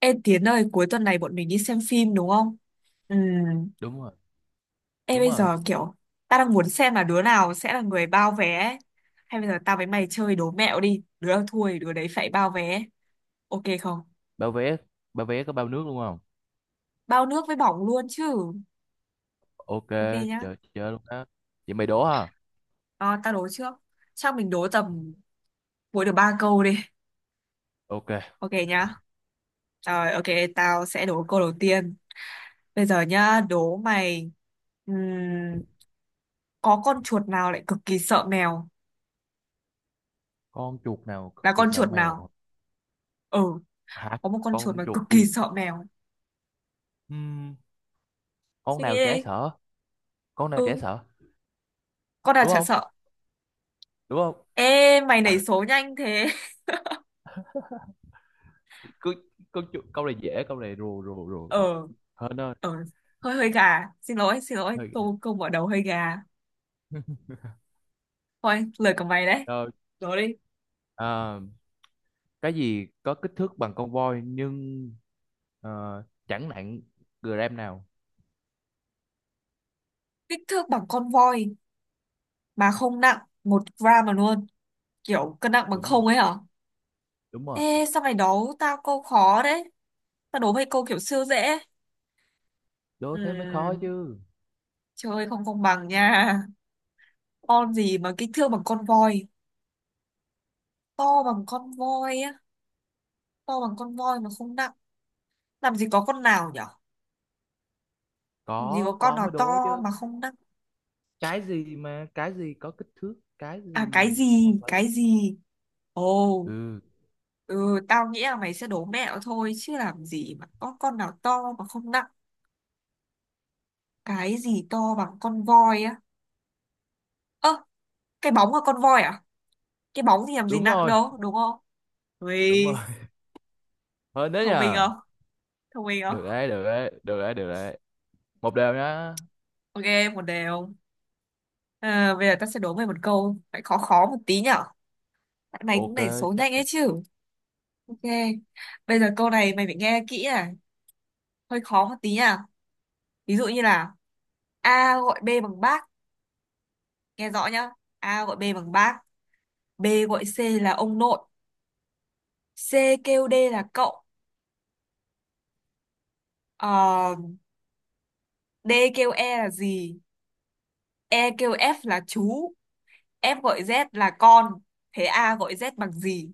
Ê Tiến ơi, cuối tuần này bọn mình đi xem phim đúng không? Ừ. Đúng rồi, Ê đúng bây rồi. giờ kiểu ta đang muốn xem là đứa nào sẽ là người bao vé ấy. Hay bây giờ tao với mày chơi đố mẹo đi. Đứa nào thua thì đứa đấy phải bao vé. Ok không? Bao vé, bao vé có bao nước luôn không? Bao nước với bỏng luôn chứ. OK. Ok nhá. Chờ chờ luôn đó. Vậy mày đố hả? Ờ, tao đố trước. Chắc mình đố tầm mỗi được ba câu đi. OK. Ok nhá. Rồi ok, tao sẽ đố câu đầu tiên. Bây giờ nhá, đố mày ừm, có con chuột nào lại cực kỳ sợ mèo? Con chuột nào cực Là kỳ con sợ chuột mèo? nào? Ừ. Hả? Có một con chuột Con mà chuột cực kỳ gì? sợ mèo. Ừm, con Suy nghĩ nào dễ đi. sợ? Con nào dễ Ừ, sợ? con nào Đúng chả không? sợ. Đúng không? Ê mày nảy số nhanh thế. Cứ con chuột câu này dễ, câu này rùa rùa rùa rùa Ờ. hơn ơi. Ờ, hơi hơi gà, xin lỗi xin lỗi, Hơi ghê. câu câu mở đầu hơi gà. Thôi lời của mày đấy. Rồi. Rồi đi. À, cái gì có kích thước bằng con voi nhưng chẳng nặng gram nào? Kích thước bằng con voi mà không nặng một gram mà luôn, kiểu cân nặng bằng Đúng không rồi, ấy hả? đúng rồi. Ê sao mày đố tao câu khó đấy, tao đố mày câu kiểu siêu dễ. Đố thế mới khó Ừ, chứ. chơi không công bằng nha. Con gì mà kích thước bằng con voi, to bằng con voi á, to bằng con voi mà không nặng? Làm gì có con nào nhở. Làm gì có có con có mới nào to đố chứ. mà không nặng. Cái gì có kích thước, cái À gì cái chứ gì không phải là. cái gì. Ồ. Ừ. Ừ, tao nghĩ là mày sẽ đố mẹo thôi, chứ làm gì mà có con nào to mà không nặng. Cái gì to bằng con voi á? Ơ, cái bóng là con voi à? Cái bóng thì làm gì Đúng nặng rồi, đâu đúng không? đúng rồi. Ui, Hơn đấy thông minh nhờ. không? Thông minh không? Được đấy, được đấy, được đấy, được đấy. Một đều nhá. Ok, 1-1. À, bây giờ tao sẽ đố mày một câu phải khó khó một tí nhở, tại mày cũng OK, đẩy số chấp nhanh ấy nhận. chứ. Ok. Bây giờ câu này mày phải nghe kỹ à, hơi khó một tí nha. Ví dụ như là A gọi B bằng bác, nghe rõ nhá. A gọi B bằng bác, B gọi C là ông nội, C kêu D là cậu, ờ, D kêu E là gì, E kêu F là chú, F gọi Z là con. Thế A gọi Z bằng gì?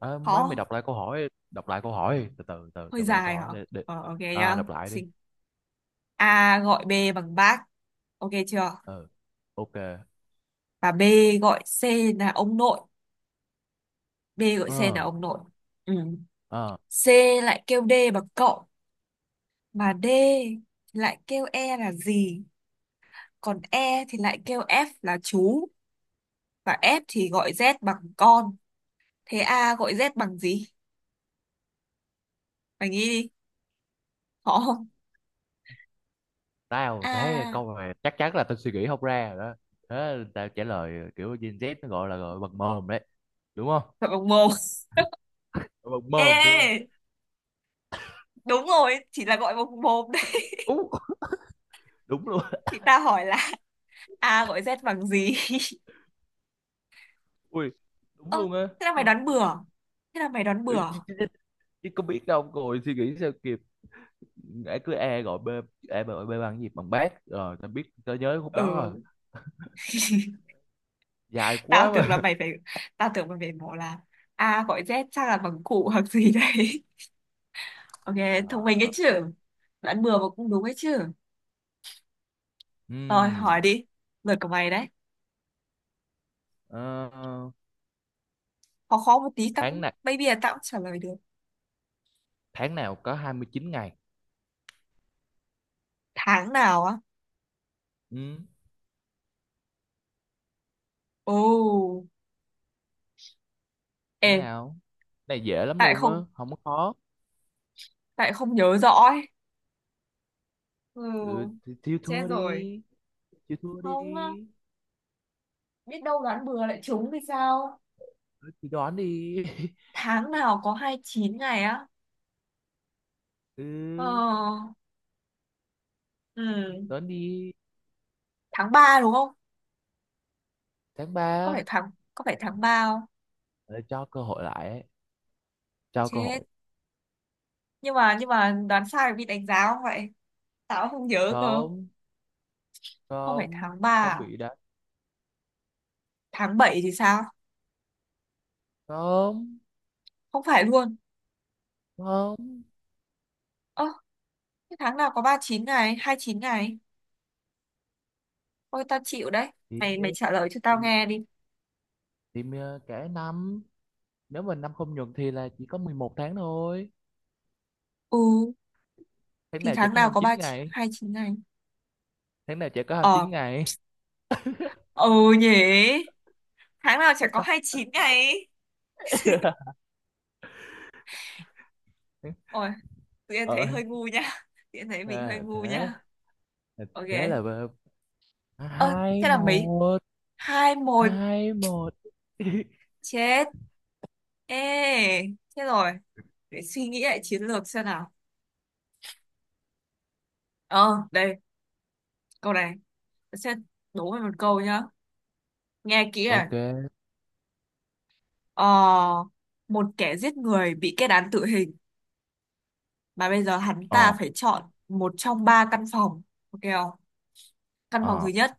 À, mấy Khó mày không? đọc lại câu hỏi, đọc lại câu hỏi, từ từ từ Hơi đọc lại câu dài hả? hỏi để. Ờ, ok À, nhá. đọc lại đi. Xin. A gọi B bằng bác, ok chưa? Ừ. OK. Và B gọi C là ông nội. B gọi C là ờ ông nội. Ừ. ờ C lại kêu D bằng cậu. Mà D lại kêu E là gì? Còn E thì lại kêu F là chú. Và F thì gọi Z bằng con. Thế A gọi Z bằng gì? Mày nghĩ đi. Khó không? Tao thấy A câu này chắc chắn là tao suy nghĩ không ra rồi đó. Thế tao trả lời kiểu Gen Z, nó gọi là gọi bằng mồm đấy, đúng không? gọi bằng mồm. Bằng Ê, mồm luôn. ê, đúng rồi. Chỉ là gọi bằng mồm đấy. Ú, đúng luôn. Thì ta hỏi là A gọi Z bằng gì? Ui, đúng Ơ, luôn á. thế là mày đoán bừa. Thế là mày đoán Ừ, bừa. chứ có biết đâu rồi suy nghĩ sao kịp. Ai cứ e gọi b, e mà gọi b bằng gì, bằng bác rồi, tao biết, tao nhớ khúc đó rồi. Ừ, Dài tao quá tưởng là mà. mày phải... Tao tưởng mày phải bảo là A gọi Z chắc là bằng cụ hoặc gì đấy. Ok, Trời thông minh ấy ơi. chứ. Đoán bừa mà cũng đúng ấy chứ. Rồi, Ừm, hỏi đi. Lượt của mày đấy. ờ, Khó khó một tí, tao Tháng cũng, nào, maybe là tao cũng trả lời được. tháng nào có 29 ngày? Tháng nào á? Ừm, Ồ, ê, Tháng nào? Cái này dễ lắm tại lại luôn á, không, không có khó. tại lại không nhớ rõ ấy. Ừ, Ừ, thì chịu chết thua rồi. đi, chịu thua đi. Không, á, biết đâu đoán bừa lại trúng thì sao? Ừ, thì đoán đi. Tháng nào có 29 ngày á? Ừ, Ờ, ừ, đoán đi. tháng 3 đúng không? Tháng 3? Có phải tháng 3 không? Cho cơ hội lại ấy. Cho cơ Chết. hội. Nhưng mà đoán sai bị đánh giá không vậy? Tao không nhớ cơ. Không, Không phải không, tháng 3, không à? bị đánh. Tháng 7 thì sao? Không. Không phải luôn. Không. Ơ, cái tháng nào có 39 ngày, 29 ngày. Ôi tao chịu đấy. chỉ, Mày mày chỉ, trả lời cho tao nghe đi. chỉ cả năm, nếu mà năm không nhuận thì là chỉ có 11 tháng thôi. Ừ, Tháng thì nào chỉ tháng có nào hai mươi có chín 39 chín, ngày 29 ngày. Tháng nào chỉ có hai mươi Ờ. chín ngày? Ừ. Nhỉ. Tháng nào chả có 29 ngày ấy. Ôi, tự nhiên thấy Ơi. hơi ngu nha. Tự nhiên thấy mình hơi À, ngu thế. nha. À, Ok. thế là ờ, Ơ, hai thế là mấy, một 2-1? 2-1. Chết. Ê, chết rồi, để suy nghĩ lại chiến lược xem nào. Ờ, đây, câu này sẽ đố mày một câu nhá, nghe kỹ à. OK. Ờ, một kẻ giết người bị kết án tử hình, mà bây giờ hắn ờ ta phải chọn một trong ba căn phòng, ok không? Căn phòng thứ ờ nhất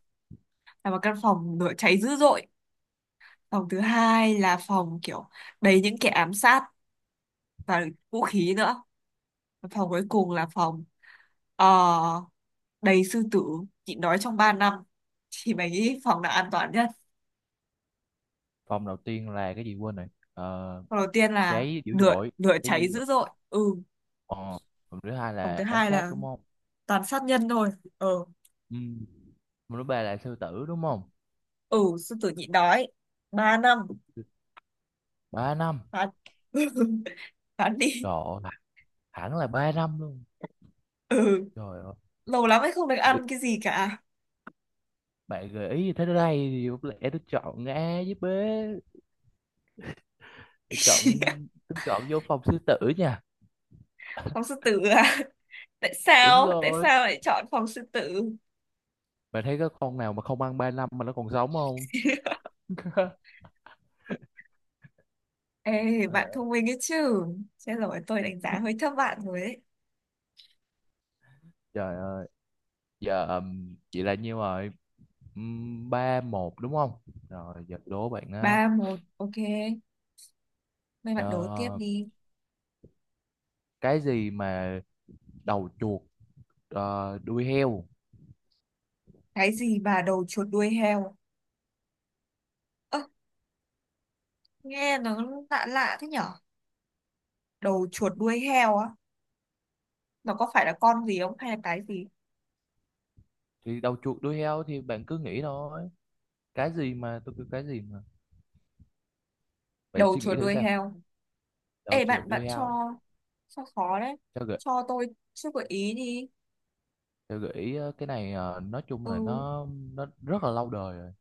là một căn phòng lửa cháy dữ dội. Phòng thứ hai là phòng kiểu đầy những kẻ ám sát và vũ khí nữa. Và phòng cuối cùng là phòng, ờ, đầy sư tử nhịn đói trong 3 năm. Thì mày nghĩ phòng nào an toàn nhất? Vòng đầu tiên là cái gì quên rồi. ờ, Phòng đầu tiên là Cháy dữ lửa dội. lửa Cháy dữ cháy dội. dữ dội, ừ. Ờ, vòng thứ hai Phòng là thứ ám hai sát là đúng không? toàn sát nhân thôi, ừ. Ừ. Mà lúc bà là sư tử đúng không? Ừ, sư tử nhịn đói 3 năm. Ba năm. Phán. Phán đi. Trời ơi, hẳn là 3 năm luôn. Ừ, Trời ơi. lâu lắm ấy, không được bị- ăn cái gì cả. Bạn gợi ý như thế đây thì có lẽ tôi chọn A với B. Tôi chọn, tôi chọn vô phòng sư tử nha. Phòng sư tử à? Tại Đúng sao, tại rồi. sao lại chọn phòng sư tử? Bạn thấy có con nào mà không ăn 3 năm mà nó còn sống không? Ê bạn Ờ. thông minh ấy chứ. Chết rồi, tôi đánh giá hơi thấp bạn rồi ấy. Trời ơi. Giờ chị là nhiêu rồi? 3-1 đúng không? Rồi giờ đố bạn á. 3-1, ok. Mấy bạn đố tiếp Ờ, đi. cái gì mà đầu chuột đuôi heo? Cái gì mà đầu chuột đuôi heo? Ơ, nghe nó lạ lạ thế nhở. Đầu chuột đuôi heo á. Nó có phải là con gì không hay là cái gì? Thì đầu chuột đuôi heo thì bạn cứ nghĩ thôi. Cái gì mà, tôi kêu cái gì mà, bạn Đầu suy nghĩ chuột thử đuôi xem. heo. Đầu Ê, chuột bạn bạn đuôi heo. cho khó đấy, cho gợi cho tôi chút gợi ý đi. cho gợi ý. Ờ, cái này nói chung là Ừ, nó rất là lâu đời rồi.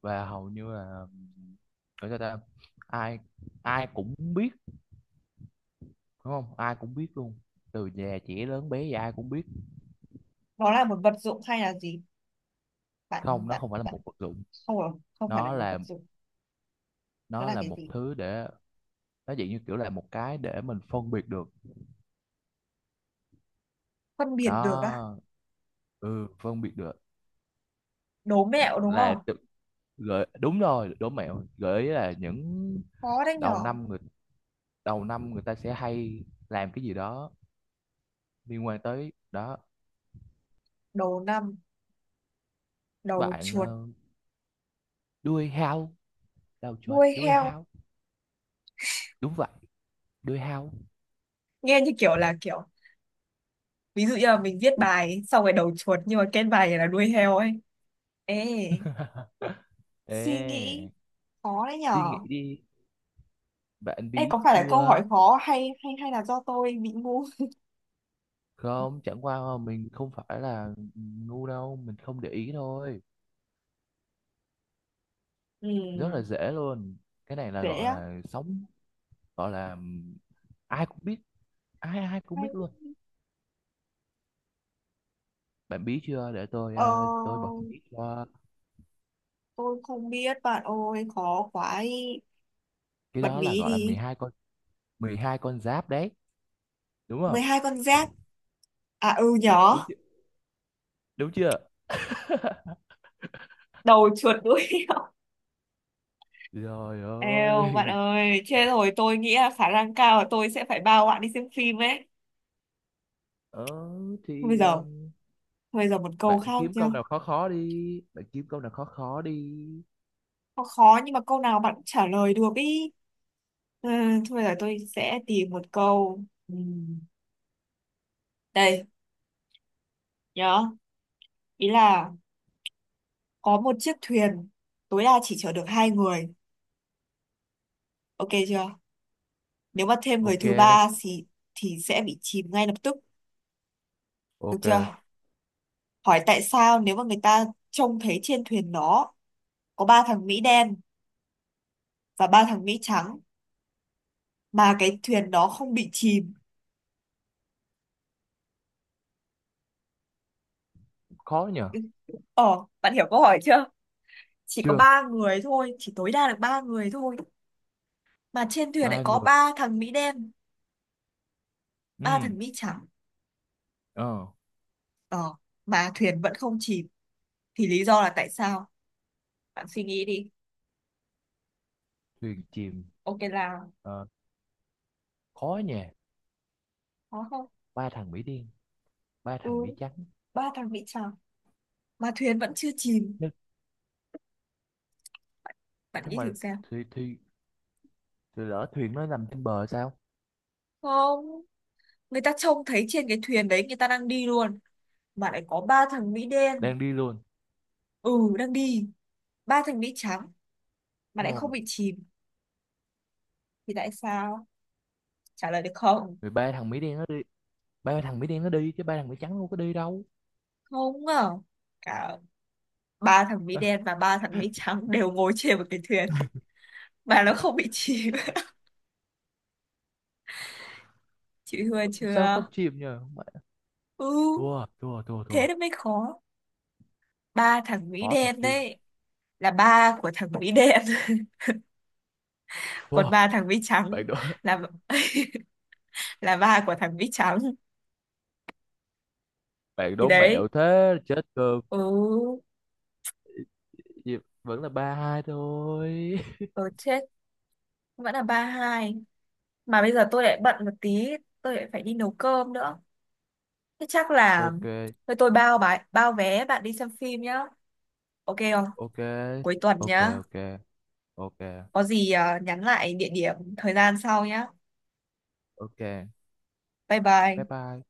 Và hầu như là, gọi sao ta, ai, ai cũng biết, đúng không, ai cũng biết luôn. Từ già trẻ lớn bé gì ai cũng biết. nó là một vật dụng hay là gì? bạn Không, nó bạn không phải là bạn một vật dụng. Không rồi, không phải là Nó một là, vật dụng. Nó nó là là cái một gì? thứ để, nó dạng như kiểu là một cái để mình phân biệt được Phân biệt được á. đó. Ừ, phân biệt được. Đố mẹo đúng là không? tự- Gợi, đúng rồi, đố mẹo. Gợi ý là những Khó đấy đầu nhỏ. năm, người đầu năm người ta sẽ hay làm cái gì đó liên quan tới đó. Đầu năm, đầu Bạn chuột đuôi hao, đầu chuột đuôi đuôi heo. hao. Đúng vậy, đuôi hao. Nghe như kiểu là kiểu ví dụ như là mình viết bài xong rồi đầu chuột, nhưng mà kết bài là đuôi heo ấy. Ê, suy nghĩ, Ê, khó đấy suy nghĩ nhỏ. đi, bạn Ê, bí có phải là câu hỏi chưa? khó, hay hay hay là do tôi bị ngu? Không, chẳng qua mà mình không phải là ngu đâu, mình không để ý thôi. Ừ. Rất là dễ luôn. Cái này là Dễ. gọi là sống, gọi là ai cũng biết, ai ai cũng biết Hay. luôn. Bạn biết chưa? Để tôi Ờ, tôi bật mí cho. tôi không biết bạn ơi, khó quá ý. Cái Bật đó là mí gọi là mười đi. hai con 12 con giáp đấy, đúng mười không? hai con giáp À ừ Đúng, đúng nhỏ. chưa? Đúng chưa? Đầu chuột đuôi heo. Rồi. Eo bạn Ơi. ơi, chết rồi, tôi nghĩ là khả năng cao là tôi sẽ phải bao bạn đi xem phim ấy. Ờ Thôi bây thì giờ thôi, bây giờ một câu bạn khác kiếm nhá. câu nào khó khó đi, bạn kiếm câu nào khó khó đi. Khó khó nhưng mà câu nào bạn cũng trả lời được ý. Ừ, thôi bây giờ tôi sẽ tìm một câu. Ừ, đây, nhớ, ý là có một chiếc thuyền tối đa chỉ chở được hai người, ok chưa? Nếu mà thêm người OK, thứ ba thì sẽ bị chìm ngay lập tức, được OK, chưa? Hỏi tại sao nếu mà người ta trông thấy trên thuyền nó có ba thằng Mỹ đen và ba thằng Mỹ trắng mà cái thuyền đó không bị chìm. khó nhờ. Ờ, bạn hiểu câu hỏi chưa? Chỉ có Chưa, ba người thôi, chỉ tối đa được ba người thôi. Mà trên thuyền lại ba có người. ba thằng Mỹ đen, ba Ừ, thằng Mỹ trắng. ờ, Ờ, mà thuyền vẫn không chìm. Thì lý do là tại sao? Bạn suy nghĩ đi. thuyền chìm. Ok, là Ờ, khó nhờ. có không? Ba thằng Mỹ đen, ba Ừ, thằng Mỹ trắng. ba thằng Mỹ trắng mà thuyền vẫn chưa chìm, Nhưng, bạn nhưng nghĩ thử mà, xem. thì thì lỡ thuyền nó nằm trên bờ sao? Không, người ta trông thấy trên cái thuyền đấy người ta đang đi luôn, mà lại có ba thằng Mỹ đen, Đang đi luôn. ừ, đang đi, ba thằng Mỹ trắng, mà lại không Ừ. bị chìm. Thì tại sao, trả lời được không? Mười ba thằng Mỹ đen nó đi, ba thằng Mỹ đen nó đi chứ ba thằng Mỹ trắng không có đi đâu. Không à. Cả ba thằng Mỹ Ờ, đen và ba thằng Mỹ trắng đều ngồi trên một cái thuyền mà nó không bị chìm. Chị thua sao chưa? không chìm nhờ. Ừ, Thua, thua, thua, thế thua. nó mới khó. Ba thằng Mỹ Khó thật đen chứ. đấy là ba của thằng Mỹ đen. Còn Thua, ba thằng Mỹ trắng bạn đố. là là ba của thằng Vít Trắng. Bạn Thì đố đấy. mẹo thế chết cơm. Ừ. Gì- Vẫn là 3-2 thôi. Ừ, chết, vẫn là 3-2. Mà bây giờ tôi lại bận một tí, tôi lại phải đi nấu cơm nữa. Thế chắc là OK, thôi tôi bao bài, bao vé bạn đi xem phim nhá, ok không? OK. Cuối tuần OK, nhá. OK. OK. Có gì, à, nhắn lại địa điểm thời gian sau nhá. OK. Bye Bye bye. bye.